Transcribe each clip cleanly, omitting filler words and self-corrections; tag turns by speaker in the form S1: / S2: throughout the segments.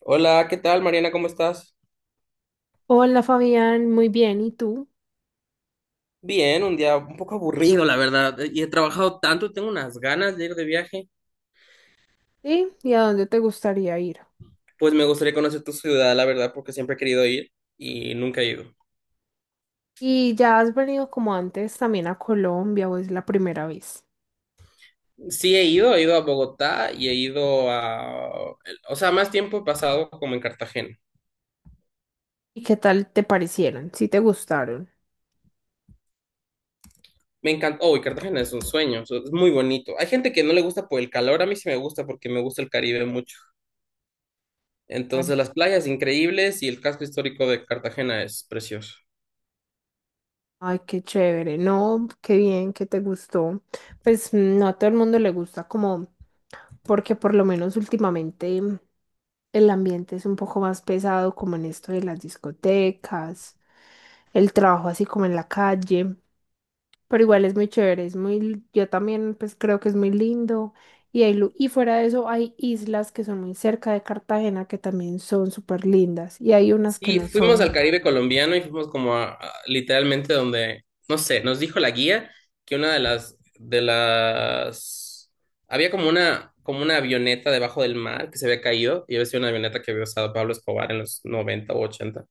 S1: Hola, ¿qué tal, Mariana? ¿Cómo estás?
S2: Hola Fabián, muy bien, ¿y tú?
S1: Bien, un día un poco aburrido, la verdad. Y he trabajado tanto, tengo unas ganas de ir de viaje.
S2: ¿Sí? ¿Y a dónde te gustaría ir?
S1: Pues me gustaría conocer tu ciudad, la verdad, porque siempre he querido ir y nunca he ido.
S2: ¿Y ya has venido como antes también a Colombia o es la primera vez?
S1: Sí he ido a Bogotá y he ido a... O sea, más tiempo he pasado como en Cartagena.
S2: ¿Y qué tal te parecieron? ¿Sí te gustaron?
S1: Me encanta... Oh, y Cartagena es un sueño, es muy bonito. Hay gente que no le gusta por el calor, a mí sí me gusta porque me gusta el Caribe mucho.
S2: Ay,
S1: Entonces las playas increíbles y el casco histórico de Cartagena es precioso.
S2: ay, qué chévere, no, qué bien, que te gustó. Pues no a todo el mundo le gusta como, porque por lo menos últimamente el ambiente es un poco más pesado como en esto de las discotecas, el trabajo así como en la calle. Pero igual es muy chévere, yo también pues creo que es muy lindo. Y fuera de eso hay islas que son muy cerca de Cartagena que también son súper lindas y hay unas que
S1: Sí,
S2: no
S1: fuimos al
S2: son.
S1: Caribe colombiano y fuimos como literalmente donde, no sé, nos dijo la guía que una de las, había como una avioneta debajo del mar que se había caído y había sido una avioneta que había usado Pablo Escobar en los 90 o 80.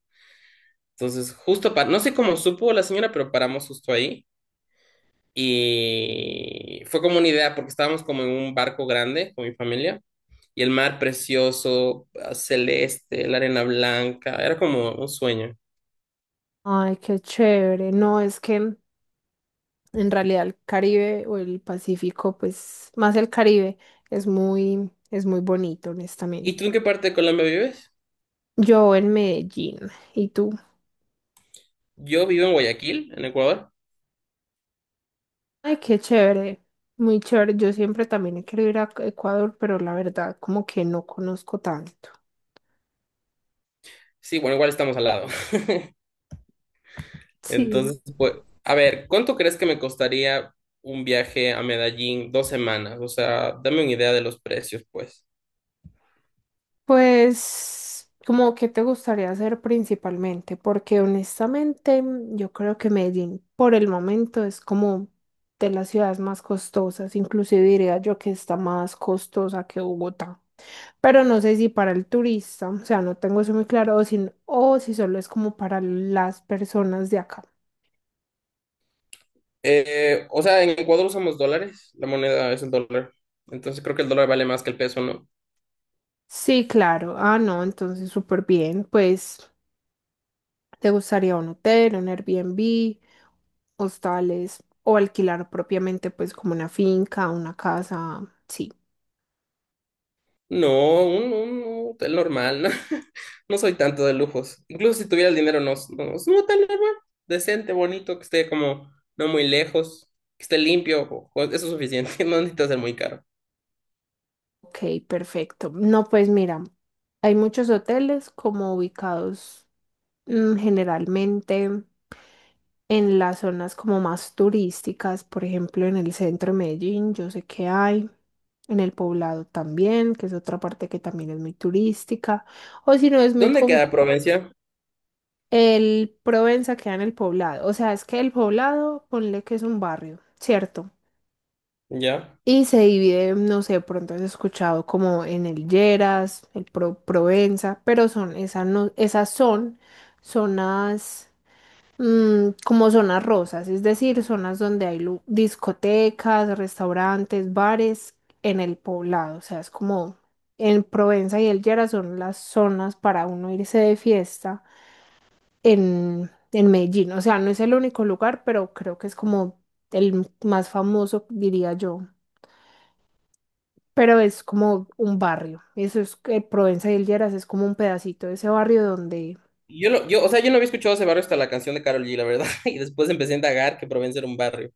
S1: Entonces, justo para, no sé cómo supo la señora, pero paramos justo ahí y fue como una idea porque estábamos como en un barco grande con mi familia. Y el mar precioso, celeste, la arena blanca, era como un sueño.
S2: Ay, qué chévere. No, es que en realidad el Caribe o el Pacífico, pues más el Caribe, es muy bonito,
S1: ¿Y
S2: honestamente.
S1: tú en qué parte de Colombia vives?
S2: Yo en Medellín, ¿y tú?
S1: Yo vivo en Guayaquil, en Ecuador.
S2: Ay, qué chévere. Muy chévere. Yo siempre también he querido ir a Ecuador, pero la verdad como que no conozco tanto.
S1: Sí, bueno, igual estamos al lado.
S2: Sí.
S1: Entonces, pues, a ver, ¿cuánto crees que me costaría un viaje a Medellín 2 semanas? O sea, dame una idea de los precios, pues.
S2: Pues, como que te gustaría hacer principalmente, porque honestamente yo creo que Medellín por el momento es como de las ciudades más costosas, inclusive diría yo que está más costosa que Bogotá, pero no sé si para el turista, o sea, no tengo eso muy claro, o si solo es como para las personas de acá.
S1: O sea, en Ecuador usamos dólares, la moneda es el dólar. Entonces creo que el dólar vale más que el peso, ¿no?
S2: Sí, claro, ah, no, entonces súper bien, pues. ¿Te gustaría un hotel, un Airbnb, hostales o alquilar propiamente pues como una finca, una casa? Sí,
S1: No, un hotel normal, ¿no? No soy tanto de lujos. Incluso si tuviera el dinero, no, no, no. Es un hotel normal, decente, bonito, que esté como no muy lejos, que esté limpio, eso es suficiente, no necesita ser muy caro.
S2: ok, perfecto. No, pues mira, hay muchos hoteles como ubicados generalmente en las zonas como más turísticas, por ejemplo en el centro de Medellín, yo sé que hay. En el Poblado también, que es otra parte que también es muy turística, o si no es muy
S1: ¿Dónde
S2: común.
S1: queda Provencia?
S2: El Provenza queda en el Poblado. O sea, es que el Poblado, ponle que es un barrio, ¿cierto?
S1: Ya.
S2: Y se divide, no sé, pronto has escuchado como en el Lleras, el Provenza, pero son, esas no, esas son zonas como zonas rosas, es decir, zonas donde hay discotecas, restaurantes, bares en el Poblado. O sea, es como en Provenza y el Lleras son las zonas para uno irse de fiesta en Medellín. O sea, no es el único lugar, pero creo que es como el más famoso, diría yo. Pero es como un barrio. Eso es que Provenza y El Lleras es como un pedacito de ese barrio donde...
S1: O sea, yo no había escuchado ese barrio hasta la canción de Karol G, la verdad, y después empecé a indagar que Provencia era un barrio.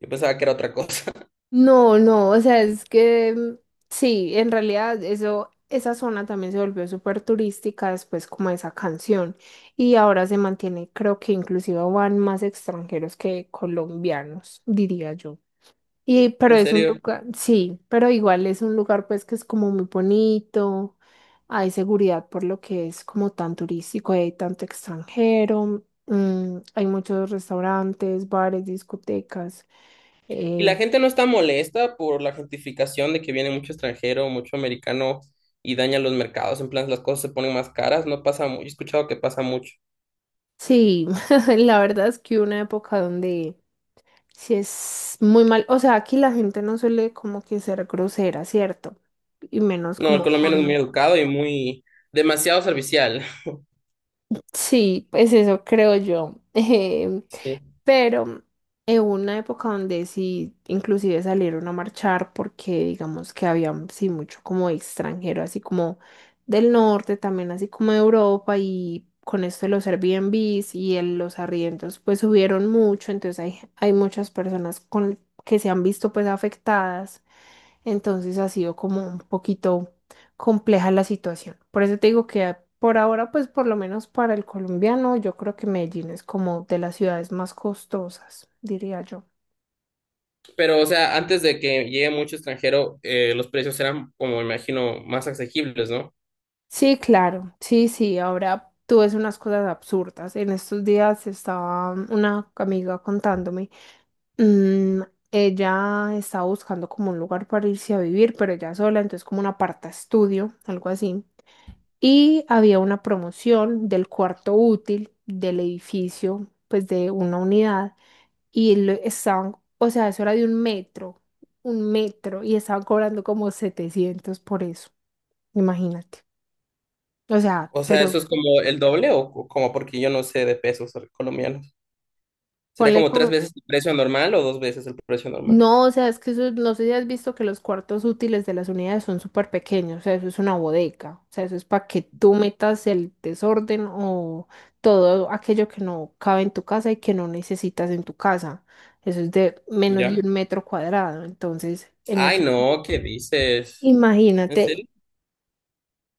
S1: Yo pensaba que era otra cosa.
S2: No, no, o sea, es que sí, en realidad eso, esa zona también se volvió súper turística después como esa canción. Y ahora se mantiene, creo que inclusive van más extranjeros que colombianos, diría yo. Y, pero
S1: En
S2: es un
S1: serio.
S2: lugar, sí, pero igual es un lugar pues que es como muy bonito, hay seguridad por lo que es como tan turístico, hay tanto extranjero, hay muchos restaurantes, bares, discotecas.
S1: Y
S2: eh,
S1: la gente no está molesta por la gentrificación de que viene mucho extranjero, mucho americano y daña los mercados. En plan, las cosas se ponen más caras. No pasa mucho. He escuchado que pasa mucho.
S2: sí, la verdad es que hubo una época donde sí es muy mal, o sea, aquí la gente no suele como que ser grosera, ¿cierto? Y menos
S1: No, el
S2: como
S1: colombiano es muy
S2: con...
S1: educado y muy demasiado servicial.
S2: Sí, pues eso creo yo.
S1: Sí.
S2: Pero en una época donde sí, inclusive salieron a marchar porque digamos que había sí mucho como extranjero, así como del norte, también así como de Europa y con esto de los Airbnbs y los arriendos pues subieron mucho, entonces hay muchas personas con, que se han visto pues afectadas, entonces ha sido como un poquito compleja la situación. Por eso te digo que por ahora, pues por lo menos para el colombiano, yo creo que Medellín es como de las ciudades más costosas, diría yo.
S1: Pero, o sea, antes de que llegue mucho extranjero, los precios eran, como me imagino, más asequibles, ¿no?
S2: Sí, claro, sí, sí, ahora tú ves unas cosas absurdas. En estos días estaba una amiga contándome, mm, ella estaba buscando como un lugar para irse a vivir, pero ella sola, entonces como un aparta estudio, algo así. Y había una promoción del cuarto útil del edificio, pues de una unidad. Estaban, o sea, eso era de un metro, y estaban cobrando como 700 por eso, imagínate. O sea,
S1: O sea, eso
S2: pero
S1: es como el doble o como porque yo no sé de pesos colombianos. ¿Sería
S2: ponle
S1: como
S2: como...
S1: tres veces el precio normal o dos veces el precio normal?
S2: No, o sea, es que eso, no sé si has visto que los cuartos útiles de las unidades son súper pequeños, o sea, eso es una bodega, o sea, eso es para que tú metas el desorden o todo aquello que no cabe en tu casa y que no necesitas en tu casa. Eso es de menos de
S1: Ya.
S2: un metro cuadrado, entonces, en
S1: Ay,
S2: esos
S1: no,
S2: días.
S1: ¿qué dices? ¿En serio?
S2: Imagínate,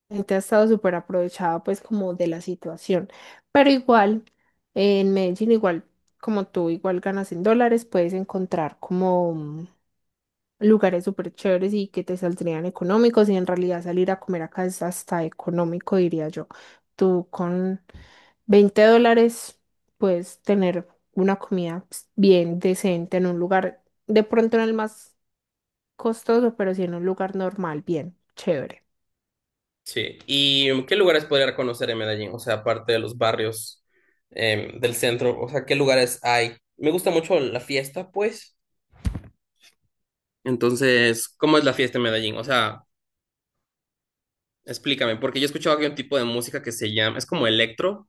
S2: gente ha estado súper aprovechada pues como de la situación. Pero igual, en Medellín, igual como tú, igual ganas en dólares, puedes encontrar como lugares súper chéveres y que te saldrían económicos y en realidad salir a comer acá es hasta económico, diría yo. Tú con $20 puedes tener una comida pues, bien decente en un lugar, de pronto no el más costoso, pero sí en un lugar normal, bien, chévere.
S1: Sí. ¿Y qué lugares podría conocer en Medellín? O sea, aparte de los barrios del centro, o sea, ¿qué lugares hay? Me gusta mucho la fiesta, pues. Entonces, ¿cómo es la fiesta en Medellín? O sea, explícame, porque yo he escuchado que hay un tipo de música que se llama, es como electro.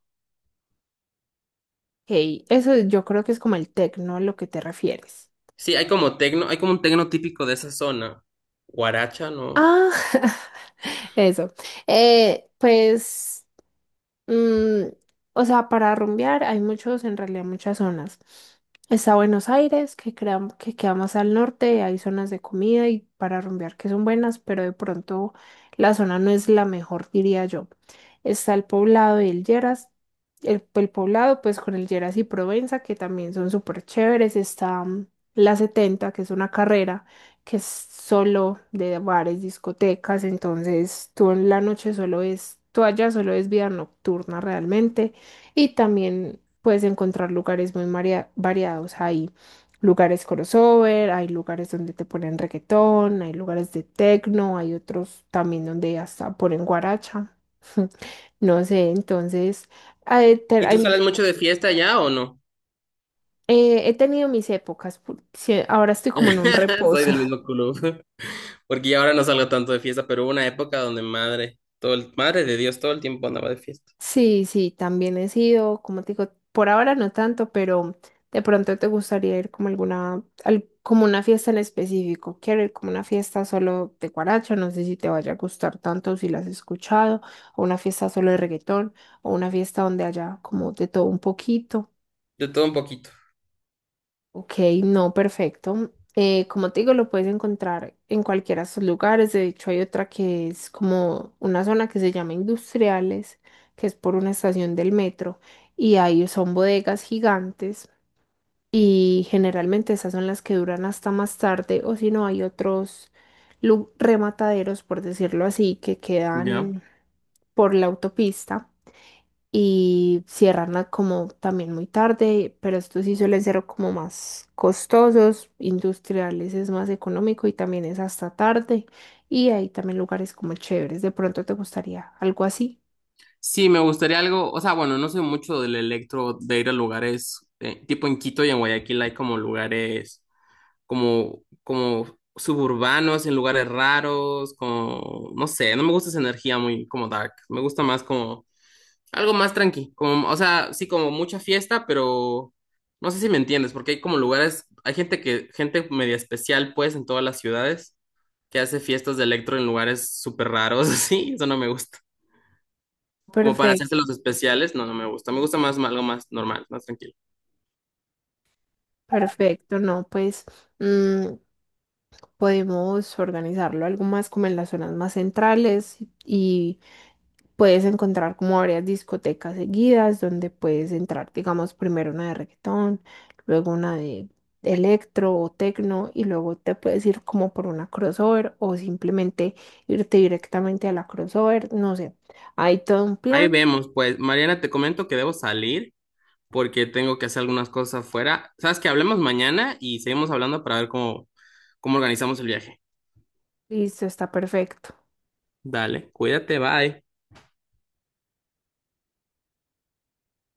S2: Hey, eso yo creo que es como el tecno a lo que te refieres.
S1: Sí, hay como tecno, hay como un tecno típico de esa zona. Guaracha, ¿no?
S2: Ah, eso. Pues. Mm, o sea, para rumbear hay muchos, en realidad muchas zonas. Está Buenos Aires, que queda más al norte, hay zonas de comida y para rumbear que son buenas, pero de pronto la zona no es la mejor, diría yo. Está el Poblado y el Lleras. El Poblado, pues con el Lleras y Provenza, que también son súper chéveres. Está la 70 que es una carrera que es solo de bares, discotecas, entonces tú en la noche solo es, tú allá solo es vida nocturna realmente y también puedes encontrar lugares muy variados, hay lugares crossover, hay lugares donde te ponen reggaetón, hay lugares de techno, hay otros también donde hasta ponen guaracha, no sé, entonces eh, te-
S1: ¿Y tú
S2: hay-
S1: sales mucho de fiesta ya o no?
S2: he tenido mis épocas, sí, ahora estoy como en un
S1: Soy
S2: reposo.
S1: del mismo club, porque ya ahora no salgo tanto de fiesta, pero hubo una época donde madre, madre de Dios, todo el tiempo andaba de fiesta.
S2: Sí, sí, también he sido, como te digo, por ahora no tanto, pero de pronto te gustaría ir como alguna, como una fiesta en específico. Quiero ir como una fiesta solo de guaracha, no sé si te vaya a gustar tanto si la has escuchado, o una fiesta solo de reggaetón, o una fiesta donde haya como de todo un poquito.
S1: De todo un poquito.
S2: Ok, no, perfecto. Como te digo, lo puedes encontrar en cualquiera de sus lugares. De hecho, hay otra que es como una zona que se llama Industriales, que es por una estación del metro. Y ahí son bodegas gigantes. Y generalmente esas son las que duran hasta más tarde. O si no, hay otros remataderos, por decirlo así, que
S1: Ya.
S2: quedan por la autopista y cierran como también muy tarde, pero estos sí suelen ser como más costosos, industriales es más económico y también es hasta tarde y hay también lugares como chéveres, de pronto te gustaría algo así.
S1: Sí, me gustaría algo, o sea, bueno, no sé mucho del electro de ir a lugares, tipo en Quito y en Guayaquil hay como lugares como suburbanos, en lugares raros, como, no sé, no me gusta esa energía muy como dark, me gusta más como algo más tranqui, como, o sea, sí, como mucha fiesta, pero no sé si me entiendes, porque hay como lugares, hay gente que, gente media especial pues en todas las ciudades que hace fiestas de electro en lugares súper raros, así, eso no me gusta. Como para
S2: Perfecto,
S1: hacerse los especiales, no, no me gusta. Me gusta más algo más normal, más tranquilo.
S2: perfecto, no, pues mm, podemos organizarlo algo más como en las zonas más centrales y puedes encontrar como varias discotecas seguidas donde puedes entrar, digamos, primero una de reggaetón, luego una de electro o tecno y luego te puedes ir como por una crossover o simplemente irte directamente a la crossover, no sé. Hay todo un
S1: Ahí
S2: plan,
S1: vemos, pues, Mariana, te comento que debo salir porque tengo que hacer algunas cosas afuera. Sabes que hablemos mañana y seguimos hablando para ver cómo, cómo organizamos el viaje.
S2: listo, está perfecto.
S1: Dale, cuídate, bye.